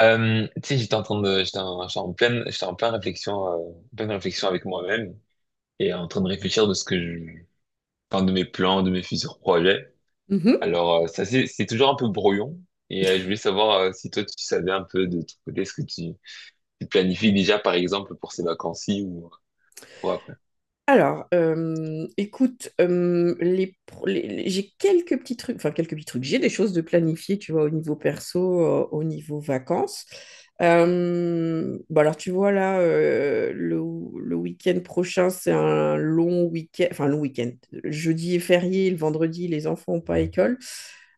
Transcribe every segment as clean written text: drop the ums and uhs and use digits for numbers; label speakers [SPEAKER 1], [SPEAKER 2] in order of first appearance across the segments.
[SPEAKER 1] Tu sais, j'étais en pleine réflexion, avec moi-même et en train de réfléchir de ce que je, enfin, de mes plans, de mes futurs projets.
[SPEAKER 2] Mhm.
[SPEAKER 1] Alors, ça, c'est toujours un peu brouillon et je voulais savoir si toi, tu savais un peu de ton côté tu planifies déjà, par exemple, pour ces vacances-ci ou pour après.
[SPEAKER 2] Alors, écoute, les, pro- les- j'ai quelques petits trucs, enfin quelques petits trucs, j'ai des choses de planifier, tu vois, au niveau perso, au niveau vacances. Bah alors, tu vois, là, le week-end prochain, c'est un long week-end, enfin, long week-end. Le jeudi est férié, le vendredi, les enfants n'ont pas école.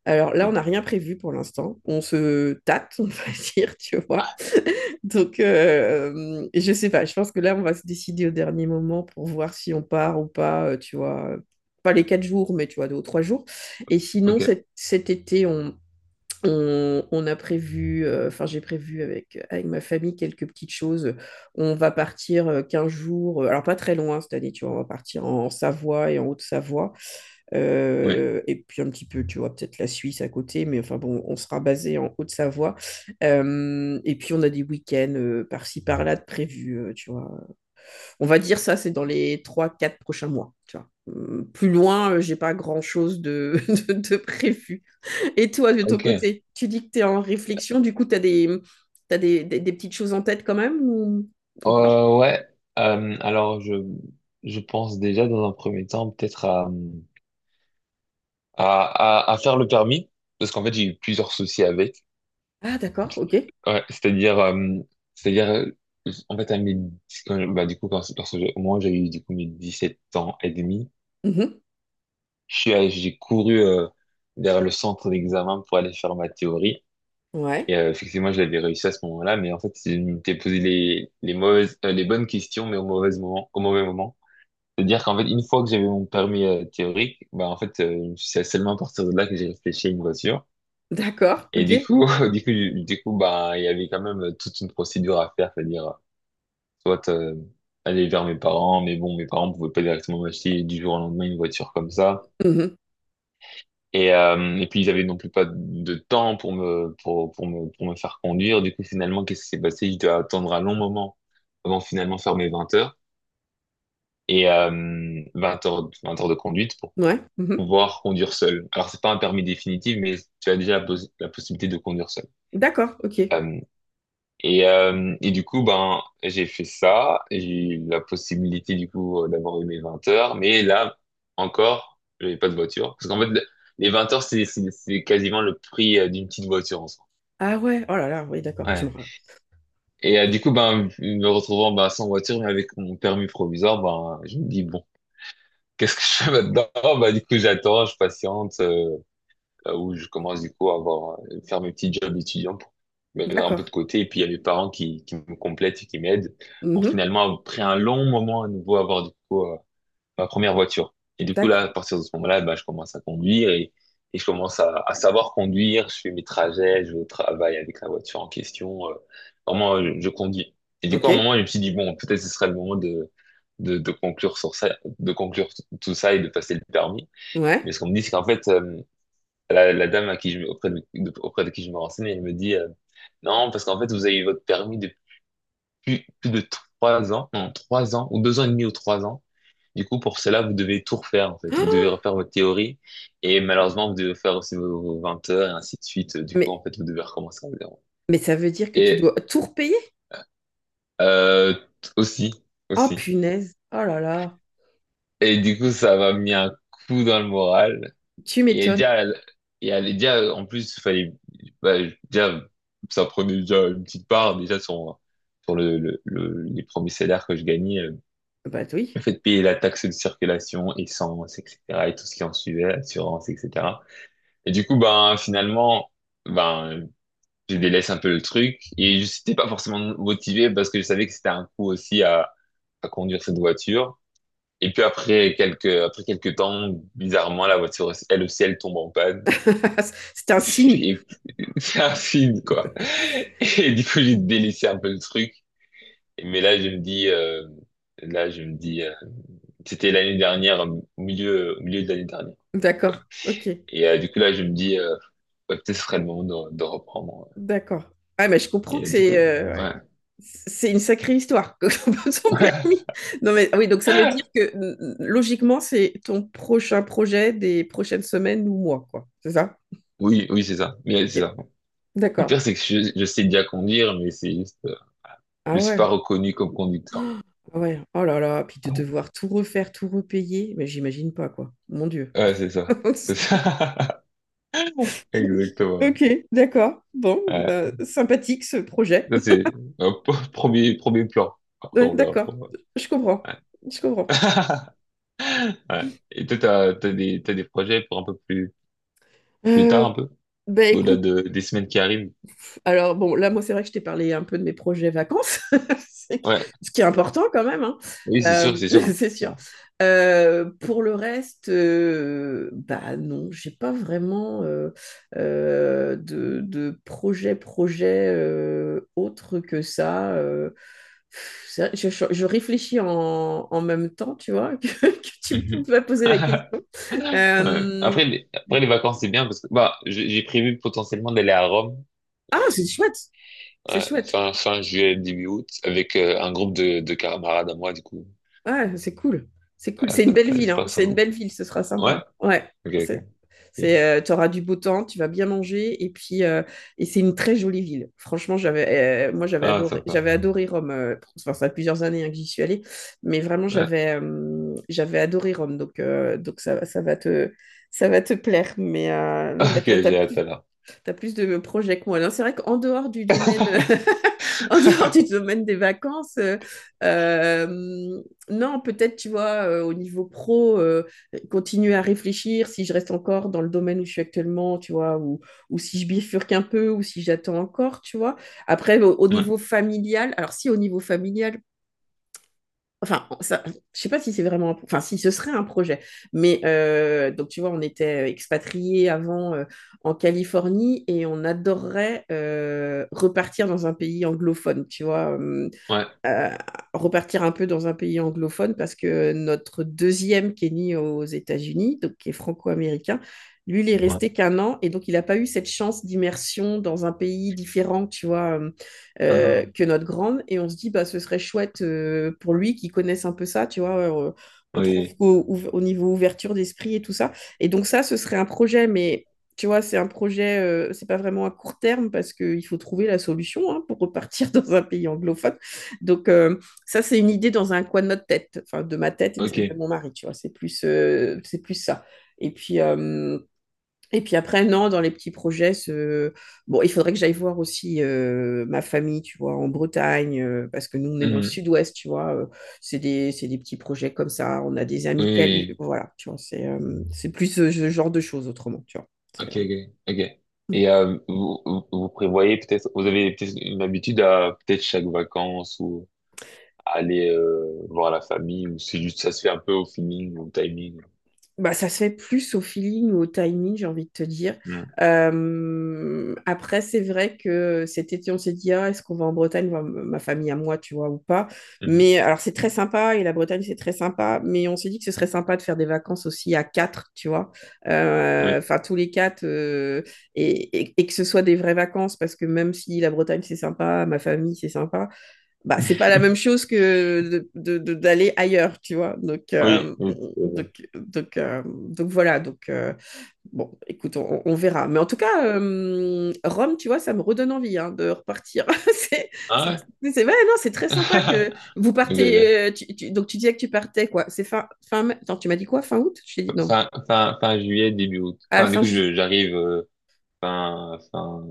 [SPEAKER 2] Alors là,
[SPEAKER 1] Hmm.
[SPEAKER 2] on n'a rien prévu pour l'instant. On se tâte, on va dire, tu vois. Donc, je sais pas, je pense que là, on va se décider au dernier moment pour voir si on part ou pas, tu vois. Pas les quatre jours, mais tu vois, deux ou trois jours. Et sinon,
[SPEAKER 1] Ok.
[SPEAKER 2] cet été, on a prévu, enfin j'ai prévu avec ma famille quelques petites choses. On va partir 15 jours, alors pas très loin cette année, tu vois, on va partir en Savoie et en Haute-Savoie.
[SPEAKER 1] Oui.
[SPEAKER 2] Et puis un petit peu, tu vois, peut-être la Suisse à côté, mais enfin bon, on sera basé en Haute-Savoie. Et puis on a des week-ends par-ci, par-là de prévus, tu vois. On va dire ça, c'est dans les trois-quatre prochains mois, tu vois. Plus loin, j'ai pas grand-chose de prévu. Et toi, de ton
[SPEAKER 1] Ok.
[SPEAKER 2] côté, tu dis que tu es en réflexion, du coup, tu as des, t'as des petites choses en tête quand même ou pas?
[SPEAKER 1] Ouais. Alors, je pense déjà dans un premier temps peut-être à, à faire le permis parce qu'en fait, j'ai eu plusieurs soucis avec.
[SPEAKER 2] Ah, d'accord, ok.
[SPEAKER 1] Ouais, c'est-à-dire, euh, en fait, à mes, quand- je- bah, du coup, lorsque au moment où j'ai eu, du coup, mes 17 ans et demi,
[SPEAKER 2] Mhm.
[SPEAKER 1] j'ai couru, vers le centre d'examen pour aller faire ma théorie. Et,
[SPEAKER 2] Ouais,
[SPEAKER 1] effectivement, je l'avais réussi à ce moment-là, mais en fait, je m'étais posé les mauvaises, les bonnes questions, mais au mauvais moment, au mauvais moment. C'est-à-dire qu'en fait, une fois que j'avais mon permis, théorique, bah, en fait, c'est seulement à partir de là que j'ai réfléchi à une voiture.
[SPEAKER 2] d'accord,
[SPEAKER 1] Et du
[SPEAKER 2] ok.
[SPEAKER 1] coup, du coup, bah, il y avait quand même toute une procédure à faire, c'est-à-dire, soit aller vers mes parents, mais bon, mes parents pouvaient pas directement m'acheter du jour au lendemain une voiture comme ça.
[SPEAKER 2] Mhm.
[SPEAKER 1] Et puis ils avaient non plus pas de temps pour me faire conduire. Du coup, finalement, qu'est-ce qui s'est passé? Je dois attendre un long moment avant de finalement faire mes 20 heures de conduite pour
[SPEAKER 2] Ouais, mhm.
[SPEAKER 1] pouvoir conduire seul. Alors, c'est pas un permis définitif, mais tu as déjà la possibilité de conduire seul.
[SPEAKER 2] D'accord, ok.
[SPEAKER 1] Euh, et du coup, ben, j'ai fait ça. J'ai eu la possibilité, du coup, d'avoir eu mes 20 heures. Mais là, encore, j'avais pas de voiture. Parce qu'en fait, les 20 heures, c'est quasiment le prix d'une petite voiture en soi.
[SPEAKER 2] Ah ouais, oh là là, oui, d'accord,
[SPEAKER 1] Ouais.
[SPEAKER 2] rappelle.
[SPEAKER 1] Et du coup, ben, me retrouvant ben, sans voiture, mais avec mon permis provisoire, ben, je me dis, bon, qu'est-ce que je fais maintenant? Ben, du coup, j'attends, je patiente, où je commence du coup à faire mes petits jobs étudiants pour mettre un peu
[SPEAKER 2] D'accord,
[SPEAKER 1] de côté. Et puis il y a mes parents qui me complètent et qui m'aident pour
[SPEAKER 2] mhm.
[SPEAKER 1] finalement, après un long moment à nouveau, avoir du coup ma première voiture. Et du coup, là,
[SPEAKER 2] D'accord,
[SPEAKER 1] à partir de ce moment-là, bah, je commence à conduire et je commence à savoir conduire. Je fais mes trajets, je vais au travail avec la voiture en question. Vraiment, je conduis. Et du coup,
[SPEAKER 2] ok,
[SPEAKER 1] à un moment, je me suis dit, bon, peut-être ce serait le moment de conclure sur ça, de conclure tout ça et de passer le permis. Mais
[SPEAKER 2] ouais.
[SPEAKER 1] ce qu'on me dit, c'est qu'en fait, la dame à qui je, auprès de- auprès de qui je me renseignais, elle me dit non, parce qu'en fait, vous avez eu votre permis depuis plus de 3 ans, non, 3 ans, ou 2 ans et demi ou 3 ans. Du coup, pour cela, vous devez tout refaire, en fait. Vous devez refaire votre théorie, et malheureusement, vous devez faire aussi vos 20 heures, et ainsi de suite. Du coup,
[SPEAKER 2] Mais,
[SPEAKER 1] en fait, vous devez recommencer à zéro.
[SPEAKER 2] mais ça veut dire que tu dois
[SPEAKER 1] Et
[SPEAKER 2] tout repayer?
[SPEAKER 1] euh, aussi,
[SPEAKER 2] Oh
[SPEAKER 1] aussi.
[SPEAKER 2] punaise, oh là là,
[SPEAKER 1] Et du coup, ça m'a mis un coup dans le moral.
[SPEAKER 2] tu
[SPEAKER 1] Et
[SPEAKER 2] m'étonnes.
[SPEAKER 1] déjà, Déjà en plus, fallait, bah, déjà, ça prenait déjà une petite part, déjà, sur les premiers salaires que je gagnais.
[SPEAKER 2] Bah
[SPEAKER 1] Le
[SPEAKER 2] oui,
[SPEAKER 1] fait de payer la taxe de circulation, essence, etc., et tout ce qui en suivait, assurance, etc. Et du coup, ben, finalement, ben, je délaisse un peu le truc. Et je n'étais pas forcément motivé parce que je savais que c'était un coût aussi à conduire cette voiture. Et puis après quelques temps, bizarrement, la voiture, elle aussi, elle tombe en panne.
[SPEAKER 2] c'est un signe.
[SPEAKER 1] Et c'est un film, quoi. Et du coup, j'ai délaissé un peu le truc. Mais là, je me dis, là, je me dis, euh, c'était l'année dernière, au milieu de l'année dernière.
[SPEAKER 2] D'accord, ok.
[SPEAKER 1] Et du coup, là, je me dis, ouais, peut-être ce serait le moment de reprendre. Ouais.
[SPEAKER 2] D'accord. Ah, mais je comprends
[SPEAKER 1] Et
[SPEAKER 2] que
[SPEAKER 1] du coup,
[SPEAKER 2] c'est ouais.
[SPEAKER 1] ouais.
[SPEAKER 2] C'est une sacrée histoire, que ton permis. Non, mais ah oui, donc ça veut dire que logiquement, c'est ton prochain projet des prochaines semaines ou mois, quoi. C'est ça?
[SPEAKER 1] Oui, oui, c'est ça. Mais
[SPEAKER 2] Ok.
[SPEAKER 1] c'est ça. Le
[SPEAKER 2] D'accord.
[SPEAKER 1] pire, c'est que je sais déjà conduire, mais c'est juste,
[SPEAKER 2] Ah
[SPEAKER 1] je suis pas
[SPEAKER 2] ouais.
[SPEAKER 1] reconnu comme conducteur.
[SPEAKER 2] Ah ouais. Oh là là. Puis de devoir tout refaire, tout repayer, mais j'imagine pas, quoi. Mon Dieu.
[SPEAKER 1] Ouais, c'est ça. C'est ça. Exactement. Ouais.
[SPEAKER 2] Ok, d'accord. Bon,
[SPEAKER 1] Ouais.
[SPEAKER 2] bah, sympathique ce projet.
[SPEAKER 1] Ça, c'est un premier plan. Après,
[SPEAKER 2] Ouais,
[SPEAKER 1] on verra.
[SPEAKER 2] d'accord. Je comprends.
[SPEAKER 1] Ouais.
[SPEAKER 2] Je comprends.
[SPEAKER 1] Ouais. Et toi, t'as des projets pour un peu plus tard,
[SPEAKER 2] Euh,
[SPEAKER 1] un peu,
[SPEAKER 2] bah,
[SPEAKER 1] au-delà
[SPEAKER 2] écoute.
[SPEAKER 1] de, des semaines qui arrivent.
[SPEAKER 2] Alors bon, là, moi, c'est vrai que je t'ai parlé un peu de mes projets vacances, c'est que-
[SPEAKER 1] Ouais.
[SPEAKER 2] ce qui est important quand même, hein.
[SPEAKER 1] Oui, c'est
[SPEAKER 2] Euh,
[SPEAKER 1] sûr, c'est sûr.
[SPEAKER 2] c'est
[SPEAKER 1] C'est
[SPEAKER 2] sûr.
[SPEAKER 1] sûr.
[SPEAKER 2] Pour le reste, bah non, j'ai pas vraiment de projet, projet autre que ça. Ça, je réfléchis en même temps, tu vois, que tu
[SPEAKER 1] Mhm.
[SPEAKER 2] peux poser la question.
[SPEAKER 1] Ouais.
[SPEAKER 2] Euh,
[SPEAKER 1] Après, les vacances, c'est bien parce que, bah, j'ai prévu potentiellement d'aller à Rome,
[SPEAKER 2] ah,
[SPEAKER 1] euh,
[SPEAKER 2] c'est chouette, c'est
[SPEAKER 1] ouais,
[SPEAKER 2] chouette.
[SPEAKER 1] fin juillet, début août, avec un groupe de camarades à moi, du coup.
[SPEAKER 2] Ouais, c'est cool. C'est cool.
[SPEAKER 1] Euh,
[SPEAKER 2] C'est une belle ville, hein.
[SPEAKER 1] J'espère que ça
[SPEAKER 2] C'est
[SPEAKER 1] va.
[SPEAKER 2] une belle ville, ce sera
[SPEAKER 1] Ouais?
[SPEAKER 2] sympa. Ouais.
[SPEAKER 1] Ok, ok.
[SPEAKER 2] C'est,
[SPEAKER 1] Ok.
[SPEAKER 2] tu auras du beau temps, tu vas bien manger. Et puis, et c'est une très jolie ville. Franchement, moi,
[SPEAKER 1] Ah, sympa.
[SPEAKER 2] j'avais adoré Rome. Enfin, ça fait plusieurs années hein, que j'y suis allée. Mais vraiment,
[SPEAKER 1] Ouais.
[SPEAKER 2] j'avais adoré Rome. Donc ça, ça va te plaire. Mais non, bah,
[SPEAKER 1] Ok, j'ai hâte alors.
[SPEAKER 2] tu as plus de projets que moi. Non, c'est vrai qu'en dehors du domaine, en dehors du domaine des vacances, euh, non, peut-être, tu vois, au niveau pro, continuer à réfléchir si je reste encore dans le domaine où je suis actuellement, tu vois, ou si je bifurque un peu, ou si j'attends encore, tu vois. Après, au
[SPEAKER 1] Ouais,
[SPEAKER 2] niveau familial, alors si au niveau familial, enfin, ça, je sais pas si c'est vraiment enfin si ce serait un projet, mais donc tu vois, on était expatriés avant en Californie et on adorerait repartir dans un pays anglophone, tu vois.
[SPEAKER 1] ouais,
[SPEAKER 2] Euh, Repartir un peu dans un pays anglophone parce que notre deuxième qui est né aux États-Unis, donc qui est franco-américain, lui, il est
[SPEAKER 1] ouais.
[SPEAKER 2] resté qu'un an et donc il n'a pas eu cette chance d'immersion dans un pays différent, tu vois,
[SPEAKER 1] Ah,
[SPEAKER 2] que notre grande. Et on se dit, bah, ce serait chouette pour lui qu'il connaisse un peu ça, tu vois. On trouve
[SPEAKER 1] oui,
[SPEAKER 2] au niveau ouverture d'esprit et tout ça. Et donc ça, ce serait un projet, mais tu vois, c'est un projet, c'est pas vraiment à court terme parce qu'il faut trouver la solution hein, pour repartir dans un pays anglophone. Donc, ça, c'est une idée dans un coin de notre tête, enfin, de ma tête et de
[SPEAKER 1] ok.
[SPEAKER 2] celle de mon mari, tu vois. C'est plus ça. Et puis, euh, et puis après, non, dans les petits projets, bon, il faudrait que j'aille voir aussi ma famille, tu vois, en Bretagne, parce que nous, on est dans le
[SPEAKER 1] Mhm.
[SPEAKER 2] sud-ouest, tu vois. C'est des, c'est des petits projets comme ça. On a des amis de Cali,
[SPEAKER 1] Oui,
[SPEAKER 2] voilà, tu vois. C'est plus ce ce genre de choses autrement, tu vois. C'est,
[SPEAKER 1] ok,
[SPEAKER 2] euh,
[SPEAKER 1] ok, ok. Et vous vous prévoyez peut-être, vous avez peut-être une habitude à peut-être chaque vacances ou à aller voir la famille ou c'est juste ça se fait un peu au feeling, au timing.
[SPEAKER 2] Bah, ça se fait plus au feeling ou au timing, j'ai envie de te dire.
[SPEAKER 1] Mm.
[SPEAKER 2] Après, c'est vrai que cet été, on s'est dit, ah, est-ce qu'on va en Bretagne, ma famille à moi, tu vois, ou pas.
[SPEAKER 1] Mhm.
[SPEAKER 2] Mais alors, c'est très sympa, et la Bretagne, c'est très sympa, mais on s'est dit que ce serait sympa de faire des vacances aussi à quatre, tu vois.
[SPEAKER 1] Oui,
[SPEAKER 2] Enfin, tous les quatre, et que ce soit des vraies vacances, parce que même si la Bretagne, c'est sympa, ma famille, c'est sympa, bah, c'est pas la même chose que d'aller ailleurs, tu vois. Donc,
[SPEAKER 1] oui, oui, tout à
[SPEAKER 2] donc,
[SPEAKER 1] fait.
[SPEAKER 2] donc voilà. Donc, bon, écoute, on verra. Mais en tout cas, Rome, tu vois, ça me redonne envie hein, de repartir. C'est,
[SPEAKER 1] Ah ouais?
[SPEAKER 2] ouais, non, c'est très sympa que vous partez.
[SPEAKER 1] Ok.
[SPEAKER 2] Donc, tu disais que tu partais, quoi. Fin mai. Attends, tu m'as dit quoi? Fin août? Je t'ai dit
[SPEAKER 1] Ok.
[SPEAKER 2] non.
[SPEAKER 1] Fin juillet, début août.
[SPEAKER 2] Ah,
[SPEAKER 1] Enfin, du
[SPEAKER 2] fin
[SPEAKER 1] coup,
[SPEAKER 2] juillet.
[SPEAKER 1] j'arrive fin, fin,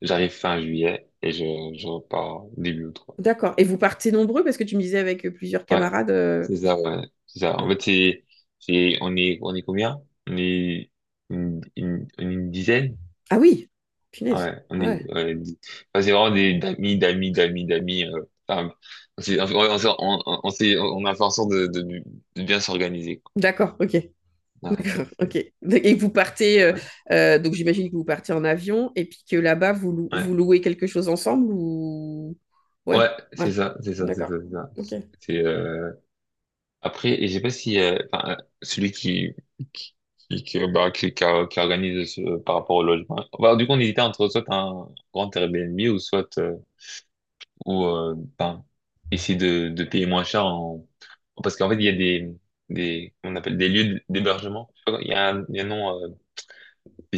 [SPEAKER 1] j'arrive fin juillet et je repars début août.
[SPEAKER 2] D'accord. Et vous partez nombreux parce que tu me disais avec plusieurs
[SPEAKER 1] Ouais,
[SPEAKER 2] camarades.
[SPEAKER 1] c'est ça, ouais. C'est ça. En fait, on est combien? On est une dizaine?
[SPEAKER 2] Ah oui, punaise.
[SPEAKER 1] Ouais, on est,
[SPEAKER 2] Ouais.
[SPEAKER 1] ouais, 10. Enfin, c'est vraiment d'amis, d'amis, d'amis, d'amis. Enfin, on a fait en sorte de bien s'organiser, quoi.
[SPEAKER 2] D'accord, ok.
[SPEAKER 1] Ouais,
[SPEAKER 2] D'accord, ok.
[SPEAKER 1] c'est,
[SPEAKER 2] Et vous partez,
[SPEAKER 1] ouais,
[SPEAKER 2] donc j'imagine que vous partez en avion et puis que là-bas, vous
[SPEAKER 1] ouais,
[SPEAKER 2] louez quelque chose ensemble ou... Ouais,
[SPEAKER 1] Ouais,
[SPEAKER 2] ouais,
[SPEAKER 1] c'est ça, c'est ça, c'est ça,
[SPEAKER 2] d'accord,
[SPEAKER 1] c'est ça.
[SPEAKER 2] ok.
[SPEAKER 1] C'est, euh, Après, je sais pas si enfin, celui qui qui organise par rapport au logement. Bah, du coup, on hésitait entre soit un grand Airbnb ou soit ou ben, essayer de payer moins cher en parce qu'en fait il y a des on appelle des lieux d'hébergement. Je sais pas, il y a un, il y a un nom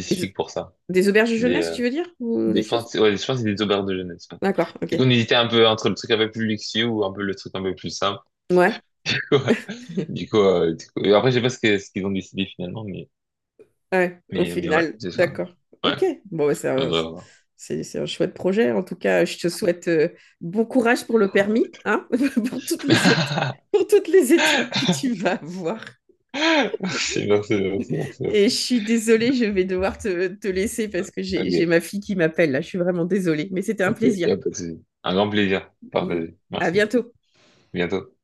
[SPEAKER 2] Des,
[SPEAKER 1] pour ça.
[SPEAKER 2] des auberges
[SPEAKER 1] Des
[SPEAKER 2] jeunesse,
[SPEAKER 1] euh,
[SPEAKER 2] tu veux dire? Ou
[SPEAKER 1] des
[SPEAKER 2] des
[SPEAKER 1] je
[SPEAKER 2] choses?
[SPEAKER 1] pense ouais, je pense que c'est des auberges de jeunesse. Ouais.
[SPEAKER 2] D'accord,
[SPEAKER 1] Du coup,
[SPEAKER 2] ok.
[SPEAKER 1] on hésitait un peu entre le truc un peu plus luxueux ou un peu le truc un peu plus simple.
[SPEAKER 2] Ouais,
[SPEAKER 1] Du coup, et après, je sais pas ce qu'ils ont décidé finalement, mais
[SPEAKER 2] ouais, au
[SPEAKER 1] Ouais,
[SPEAKER 2] final,
[SPEAKER 1] c'est ça.
[SPEAKER 2] d'accord.
[SPEAKER 1] Ouais,
[SPEAKER 2] Ok, bon, bah,
[SPEAKER 1] faudrait voir.
[SPEAKER 2] c'est un chouette projet. En tout cas, je te souhaite bon courage pour le permis, hein, pour toutes les étapes, pour toutes les étapes que tu vas avoir.
[SPEAKER 1] Merci, merci, merci, merci, merci.
[SPEAKER 2] Et je suis désolée, je vais devoir te laisser parce que j'ai
[SPEAKER 1] Ok,
[SPEAKER 2] ma fille qui m'appelle là. Je suis vraiment désolée, mais c'était un
[SPEAKER 1] ok, y
[SPEAKER 2] plaisir.
[SPEAKER 1] a pas de souci. Un grand plaisir.
[SPEAKER 2] Mm.
[SPEAKER 1] Partagé.
[SPEAKER 2] À
[SPEAKER 1] Merci.
[SPEAKER 2] bientôt.
[SPEAKER 1] À bientôt.